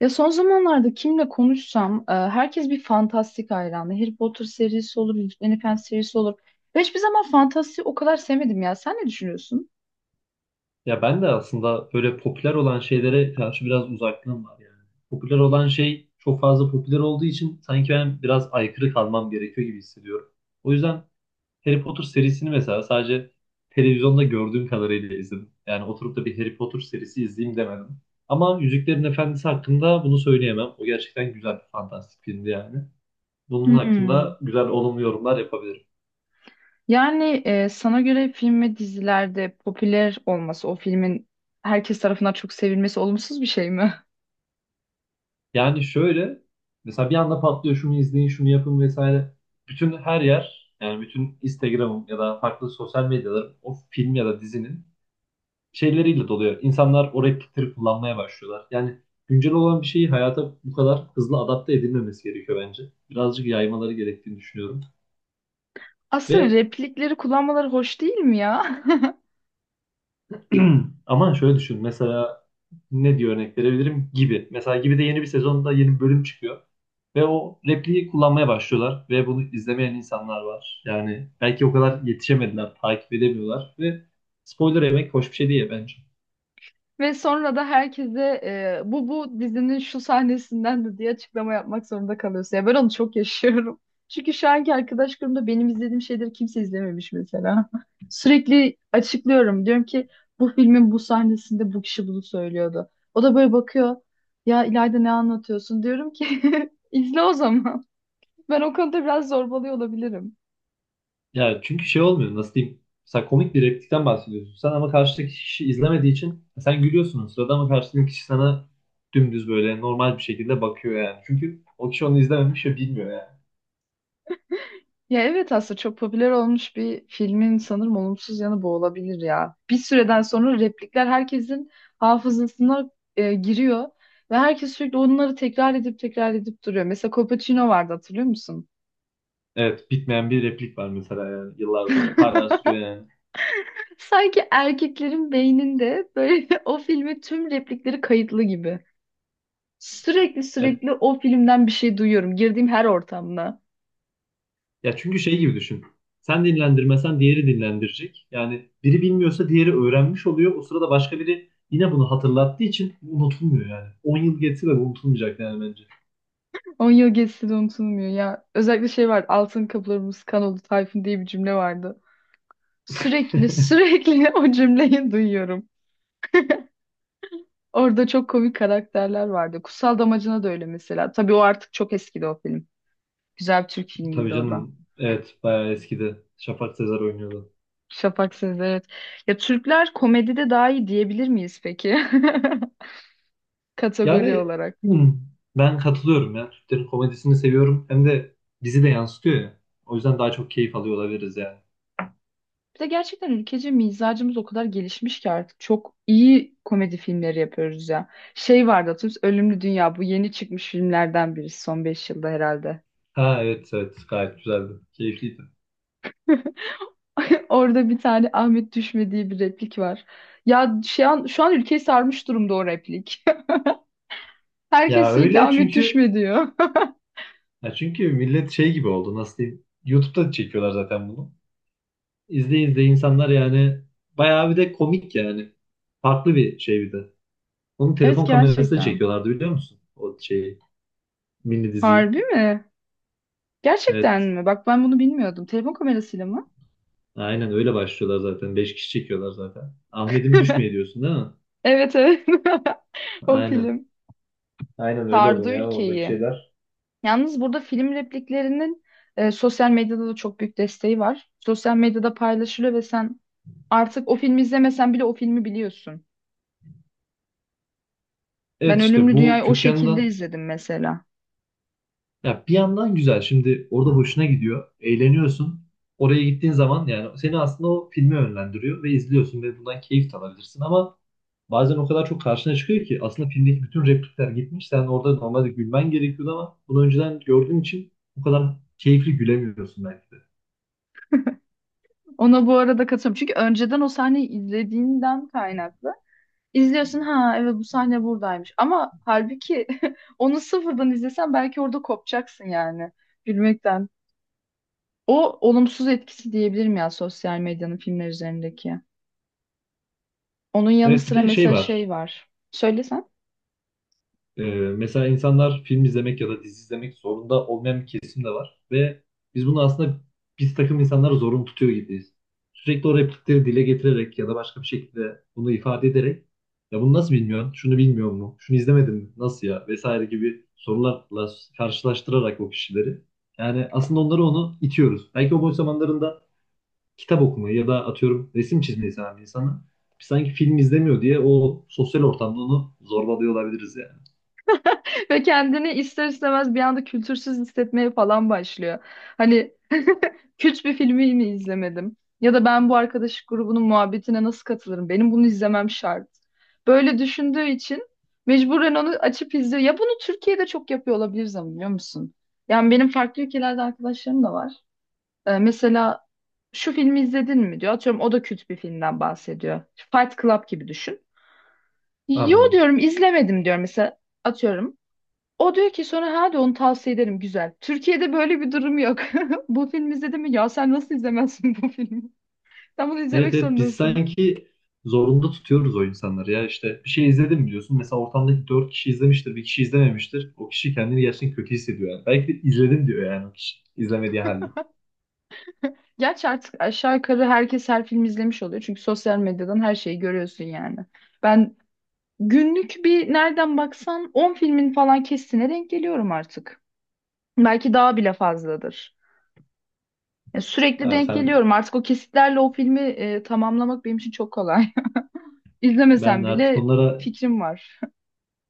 Ya son zamanlarda kimle konuşsam herkes bir fantastik hayranı. Harry Potter serisi olur, Yüzüklerin Efendisi serisi olur. Ben hiçbir zaman fantastiği o kadar sevmedim ya. Sen ne düşünüyorsun? Ya ben de aslında böyle popüler olan şeylere karşı biraz uzaklığım var yani. Popüler olan şey çok fazla popüler olduğu için sanki ben biraz aykırı kalmam gerekiyor gibi hissediyorum. O yüzden Harry Potter serisini mesela sadece televizyonda gördüğüm kadarıyla izledim. Yani oturup da bir Harry Potter serisi izleyeyim demedim. Ama Yüzüklerin Efendisi hakkında bunu söyleyemem. O gerçekten güzel, fantastik filmdi yani. Bunun Hmm. hakkında güzel olumlu yorumlar yapabilirim. Yani sana göre film ve dizilerde popüler olması, o filmin herkes tarafından çok sevilmesi olumsuz bir şey mi? Yani şöyle, mesela bir anda patlıyor, şunu izleyin, şunu yapın vesaire. Bütün her yer, yani bütün Instagram'ım ya da farklı sosyal medyalarım o film ya da dizinin şeyleriyle doluyor. İnsanlar o replikleri kullanmaya başlıyorlar. Yani güncel olan bir şeyi hayata bu kadar hızlı adapte edilmemesi gerekiyor bence. Birazcık yaymaları gerektiğini düşünüyorum. Aslında Ve replikleri kullanmaları hoş değil mi ya? Ama şöyle düşün. Mesela ne diye örnek verebilirim? Gibi. Mesela Gibi de yeni bir sezonda yeni bir bölüm çıkıyor. Ve o repliği kullanmaya başlıyorlar. Ve bunu izlemeyen insanlar var. Yani belki o kadar yetişemediler, takip edemiyorlar. Ve spoiler yemek hoş bir şey değil bence. Ve sonra da herkese bu dizinin şu sahnesinden de diye açıklama yapmak zorunda kalıyorsun. Ya ben onu çok yaşıyorum. Çünkü şu anki arkadaş grubunda benim izlediğim şeyleri kimse izlememiş mesela. Sürekli açıklıyorum. Diyorum ki bu filmin bu sahnesinde bu kişi bunu söylüyordu. O da böyle bakıyor. Ya İlayda ne anlatıyorsun? Diyorum ki izle o zaman. Ben o konuda biraz zorbalıyor olabilirim. Yani çünkü şey olmuyor, nasıl diyeyim? Mesela komik bir replikten bahsediyorsun. Sen, ama karşıdaki kişi izlemediği için sen gülüyorsun o sırada, ama karşıdaki kişi sana dümdüz böyle normal bir şekilde bakıyor yani. Çünkü o kişi onu izlememiş ve bilmiyor yani. Ya evet aslında çok popüler olmuş bir filmin sanırım olumsuz yanı bu olabilir ya. Bir süreden sonra replikler herkesin hafızasına giriyor ve herkes sürekli onları tekrar edip tekrar edip duruyor. Mesela Copacino vardı hatırlıyor musun? Evet, bitmeyen bir replik var mesela yani, yıllardır. Hala sürüyor yani. Sanki erkeklerin beyninde böyle o filmi tüm replikleri kayıtlı gibi. Sürekli Evet. sürekli o filmden bir şey duyuyorum. Girdiğim her ortamda. Ya, çünkü şey gibi düşün. Sen dinlendirmesen diğeri dinlendirecek. Yani biri bilmiyorsa diğeri öğrenmiş oluyor. O sırada başka biri yine bunu hatırlattığı için unutulmuyor yani. 10 yıl geçse de bu unutulmayacak yani bence. 10 yıl geçse de unutulmuyor ya. Özellikle şey var. Altın kapılarımız kan oldu Tayfun diye bir cümle vardı. Sürekli sürekli o cümleyi duyuyorum. Orada çok komik karakterler vardı. Kutsal Damacana da öyle mesela. Tabii o artık çok eskidi o film. Güzel bir Türk Tabii filmiydi o da. canım. Evet, bayağı eskidi. Şafak Sezer oynuyordu. Şafak Sezer evet. Ya Türkler komedide daha iyi diyebilir miyiz peki? Kategori Yani, olarak. hmm, ben katılıyorum ya. Türklerin komedisini seviyorum. Hem de bizi de yansıtıyor ya. O yüzden daha çok keyif alıyor olabiliriz yani. Bir de gerçekten ülkece mizacımız o kadar gelişmiş ki artık çok iyi komedi filmleri yapıyoruz ya. Şey vardı hatırlıyor musun? Ölümlü Dünya bu yeni çıkmış filmlerden biri son 5 yılda herhalde. Ha, evet, evet, gayet güzeldi. Keyifliydi. Orada bir tane Ahmet düşme diye bir replik var. Ya şu an, şu an ülkeyi sarmış durumda o replik. Herkes Ya sürekli öyle Ahmet çünkü düşme diyor. ya çünkü millet şey gibi oldu, nasıl diyeyim. YouTube'da çekiyorlar zaten bunu. İzleye izleye insanlar yani bayağı bir de komik yani. Farklı bir şey bir de. Onu Evet telefon kamerasıyla gerçekten. çekiyorlardı, biliyor musun? O şeyi, mini diziyi. Harbi mi? Gerçekten Evet, mi? Bak ben bunu bilmiyordum. Telefon kamerasıyla mı? aynen öyle başlıyorlar zaten. Beş kişi çekiyorlar zaten. Ahmet'im düşmeye diyorsun değil mi? Evet, evet. O Aynen. film. Aynen öyle oluyor Sardı ya, oradaki ülkeyi. şeyler. Yalnız burada film repliklerinin sosyal medyada da çok büyük desteği var. Sosyal medyada paylaşılıyor ve sen artık o filmi izlemesen bile o filmi biliyorsun. Ben Evet, işte Ölümlü bu Dünya'yı o kötü şekilde yanından. izledim mesela. Ya bir yandan güzel. Şimdi orada hoşuna gidiyor. Eğleniyorsun. Oraya gittiğin zaman yani seni aslında o filme yönlendiriyor ve izliyorsun ve bundan keyif de alabilirsin, ama bazen o kadar çok karşına çıkıyor ki aslında filmdeki bütün replikler gitmiş. Sen orada normalde gülmen gerekiyordu ama bunu önceden gördüğün için o kadar keyifli gülemiyorsun belki de. Ona bu arada katılıyorum. Çünkü önceden o sahneyi izlediğinden kaynaklı. İzliyorsun ha evet bu sahne buradaymış. Ama halbuki onu sıfırdan izlesen belki orada kopacaksın yani gülmekten. O olumsuz etkisi diyebilirim ya sosyal medyanın filmler üzerindeki. Onun yanı Evet, bir sıra de şey mesela şey var. var. Söylesen. Ee, mesela insanlar film izlemek ya da dizi izlemek zorunda olmayan bir kesim de var. Ve biz bunu aslında biz takım insanları zorunlu tutuyor gibiyiz. Sürekli o replikleri dile getirerek ya da başka bir şekilde bunu ifade ederek, ya bunu nasıl bilmiyorsun, şunu bilmiyor mu, şunu izlemedin mi, nasıl ya vesaire gibi sorularla karşılaştırarak o kişileri. Yani aslında onu itiyoruz. Belki o boş zamanlarında kitap okumayı ya da atıyorum resim çizmeyi seven bir insanı sanki film izlemiyor diye o sosyal ortamda onu zorbalıyor olabiliriz yani. Ve kendini ister istemez bir anda kültürsüz hissetmeye falan başlıyor. Hani Kürt bir filmi mi izlemedim? Ya da ben bu arkadaş grubunun muhabbetine nasıl katılırım? Benim bunu izlemem şart. Böyle düşündüğü için mecburen onu açıp izliyor. Ya bunu Türkiye'de çok yapıyor olabiliriz ama biliyor musun? Yani benim farklı ülkelerde arkadaşlarım da var. Mesela şu filmi izledin mi diyor. Atıyorum o da Kürt bir filmden bahsediyor. Fight Club gibi düşün. Yo Anladım. diyorum izlemedim diyorum mesela atıyorum. O diyor ki sonra hadi onu tavsiye ederim güzel. Türkiye'de böyle bir durum yok. Bu film izledin mi? Ya sen nasıl izlemezsin bu filmi? Sen bunu izlemek Evet, evet, biz zorundasın. sanki zorunda tutuyoruz o insanları, ya işte bir şey izledim mi diyorsun, mesela ortamdaki dört kişi izlemiştir, bir kişi izlememiştir, o kişi kendini gerçekten kötü hissediyor yani, belki de izledim diyor yani o kişi izlemediği halde. Gerçi artık aşağı yukarı herkes her film izlemiş oluyor. Çünkü sosyal medyadan her şeyi görüyorsun yani. Ben günlük bir nereden baksan 10 filmin falan kesitine denk geliyorum artık. Belki daha bile fazladır. Ya sürekli Ya denk sen geliyorum. Artık o kesitlerle o filmi tamamlamak benim için çok kolay. Ben İzlemesem artık bile bunlara fikrim var.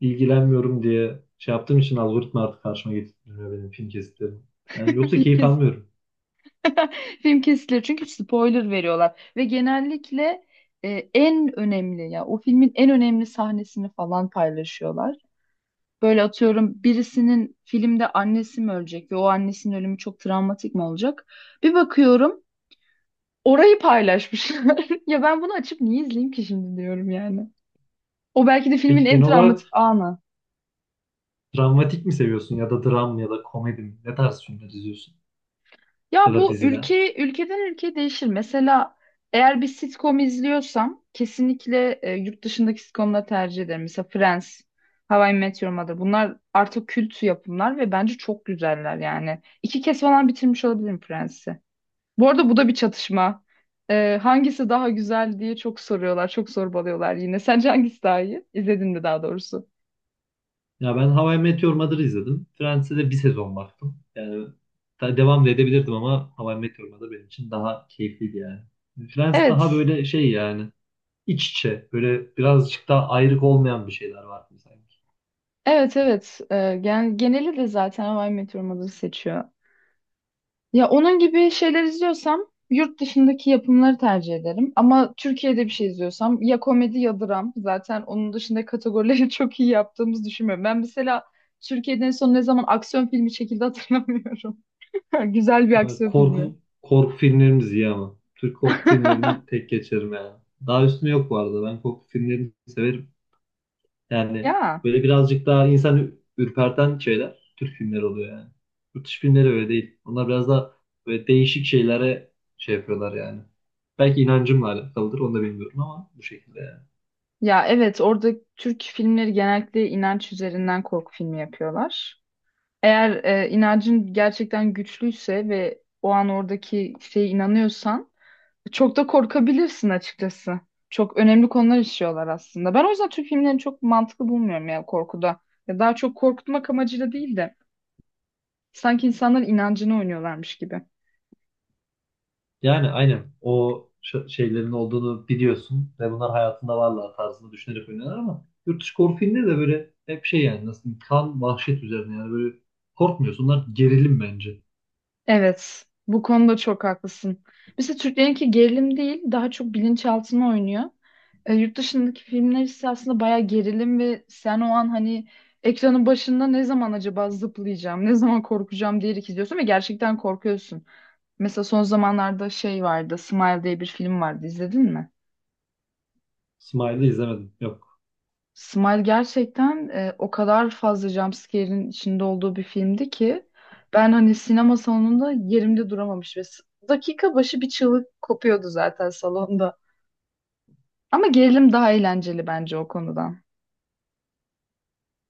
ilgilenmiyorum diye şey yaptığım için algoritma artık karşıma getirmiyor benim film kesitlerim, yani yoksa Film, keyif kes almıyorum. film kesiliyor çünkü spoiler veriyorlar ve genellikle en önemli ya o filmin en önemli sahnesini falan paylaşıyorlar. Böyle atıyorum birisinin filmde annesi mi ölecek ve o annesinin ölümü çok travmatik mi olacak? Bir bakıyorum orayı paylaşmışlar. Ya ben bunu açıp niye izleyeyim ki şimdi diyorum yani. O belki de filmin Peki, genel en travmatik olarak anı. dramatik mi seviyorsun, ya da dram ya da komedi mi, ne tarz filmler izliyorsun ya Ya da bu diziler? ülke ülkeden ülkeye değişir. Mesela eğer bir sitcom izliyorsam kesinlikle yurt dışındaki sitcomları tercih ederim. Mesela Friends, How I Met Your Mother. Bunlar artık kült yapımlar ve bence çok güzeller yani. 2 kez falan bitirmiş olabilirim Friends'i. Bu arada bu da bir çatışma. E, hangisi daha güzel diye çok soruyorlar, çok sorbalıyorlar yine. Sence hangisi daha iyi? İzledin mi daha doğrusu? Ya, ben How I Met Your Mother'ı izledim. Friends'e de bir sezon baktım. Yani devam da edebilirdim ama How I Met Your Mother benim için daha keyifliydi yani. Friends daha Evet, böyle şey yani, iç içe böyle birazcık daha ayrık olmayan bir şeyler var sanki. evet, evet. E, gen geneli de zaten How I Met Your Mother'ı seçiyor. Ya onun gibi şeyler izliyorsam yurt dışındaki yapımları tercih ederim. Ama Türkiye'de bir şey izliyorsam ya komedi ya dram. Zaten onun dışında kategorileri çok iyi yaptığımızı düşünmüyorum. Ben mesela Türkiye'den en son ne zaman aksiyon filmi çekildi hatırlamıyorum. Güzel bir Böyle aksiyon filmi. Korku filmlerimiz iyi ama. Türk korku filmlerini tek geçerim yani. Daha üstüne yok bu arada. Ben korku filmlerini severim. Yani Ya. böyle birazcık daha insan ürperten şeyler Türk filmleri oluyor yani. Yurt dışı filmleri öyle değil. Onlar biraz daha böyle değişik şeylere şey yapıyorlar yani. Belki inancımla alakalıdır, onu da bilmiyorum ama bu şekilde yani. Ya evet orada Türk filmleri genellikle inanç üzerinden korku filmi yapıyorlar. Eğer inancın gerçekten güçlüyse ve o an oradaki şeye inanıyorsan çok da korkabilirsin açıkçası. Çok önemli konular işliyorlar aslında. Ben o yüzden Türk filmlerini çok mantıklı bulmuyorum ya korkuda. Ya daha çok korkutmak amacıyla değil de sanki insanların inancını oynuyorlarmış gibi. Yani aynen o şeylerin olduğunu biliyorsun ve bunlar hayatında varlar tarzında düşünerek oynuyorlar, ama yurt dışı korku filmleri de böyle hep şey yani, nasıl diyeyim, kan vahşet üzerine yani, böyle korkmuyorsun. Onlar gerilim bence. Evet, bu konuda çok haklısın. Mesela Türklerinki gerilim değil, daha çok bilinçaltına oynuyor. Yurt dışındaki filmler ise aslında bayağı gerilim ve sen o an hani ekranın başında ne zaman acaba zıplayacağım, ne zaman korkacağım diyerek izliyorsun ve gerçekten korkuyorsun. Mesela son zamanlarda şey vardı, Smile diye bir film vardı, izledin mi? Smile'ı izlemedim. Smile gerçekten o kadar fazla jumpscare'in içinde olduğu bir filmdi ki ben hani sinema salonunda yerimde duramamış dakika başı bir çığlık kopuyordu zaten salonda. Ama gerilim daha eğlenceli bence o konudan.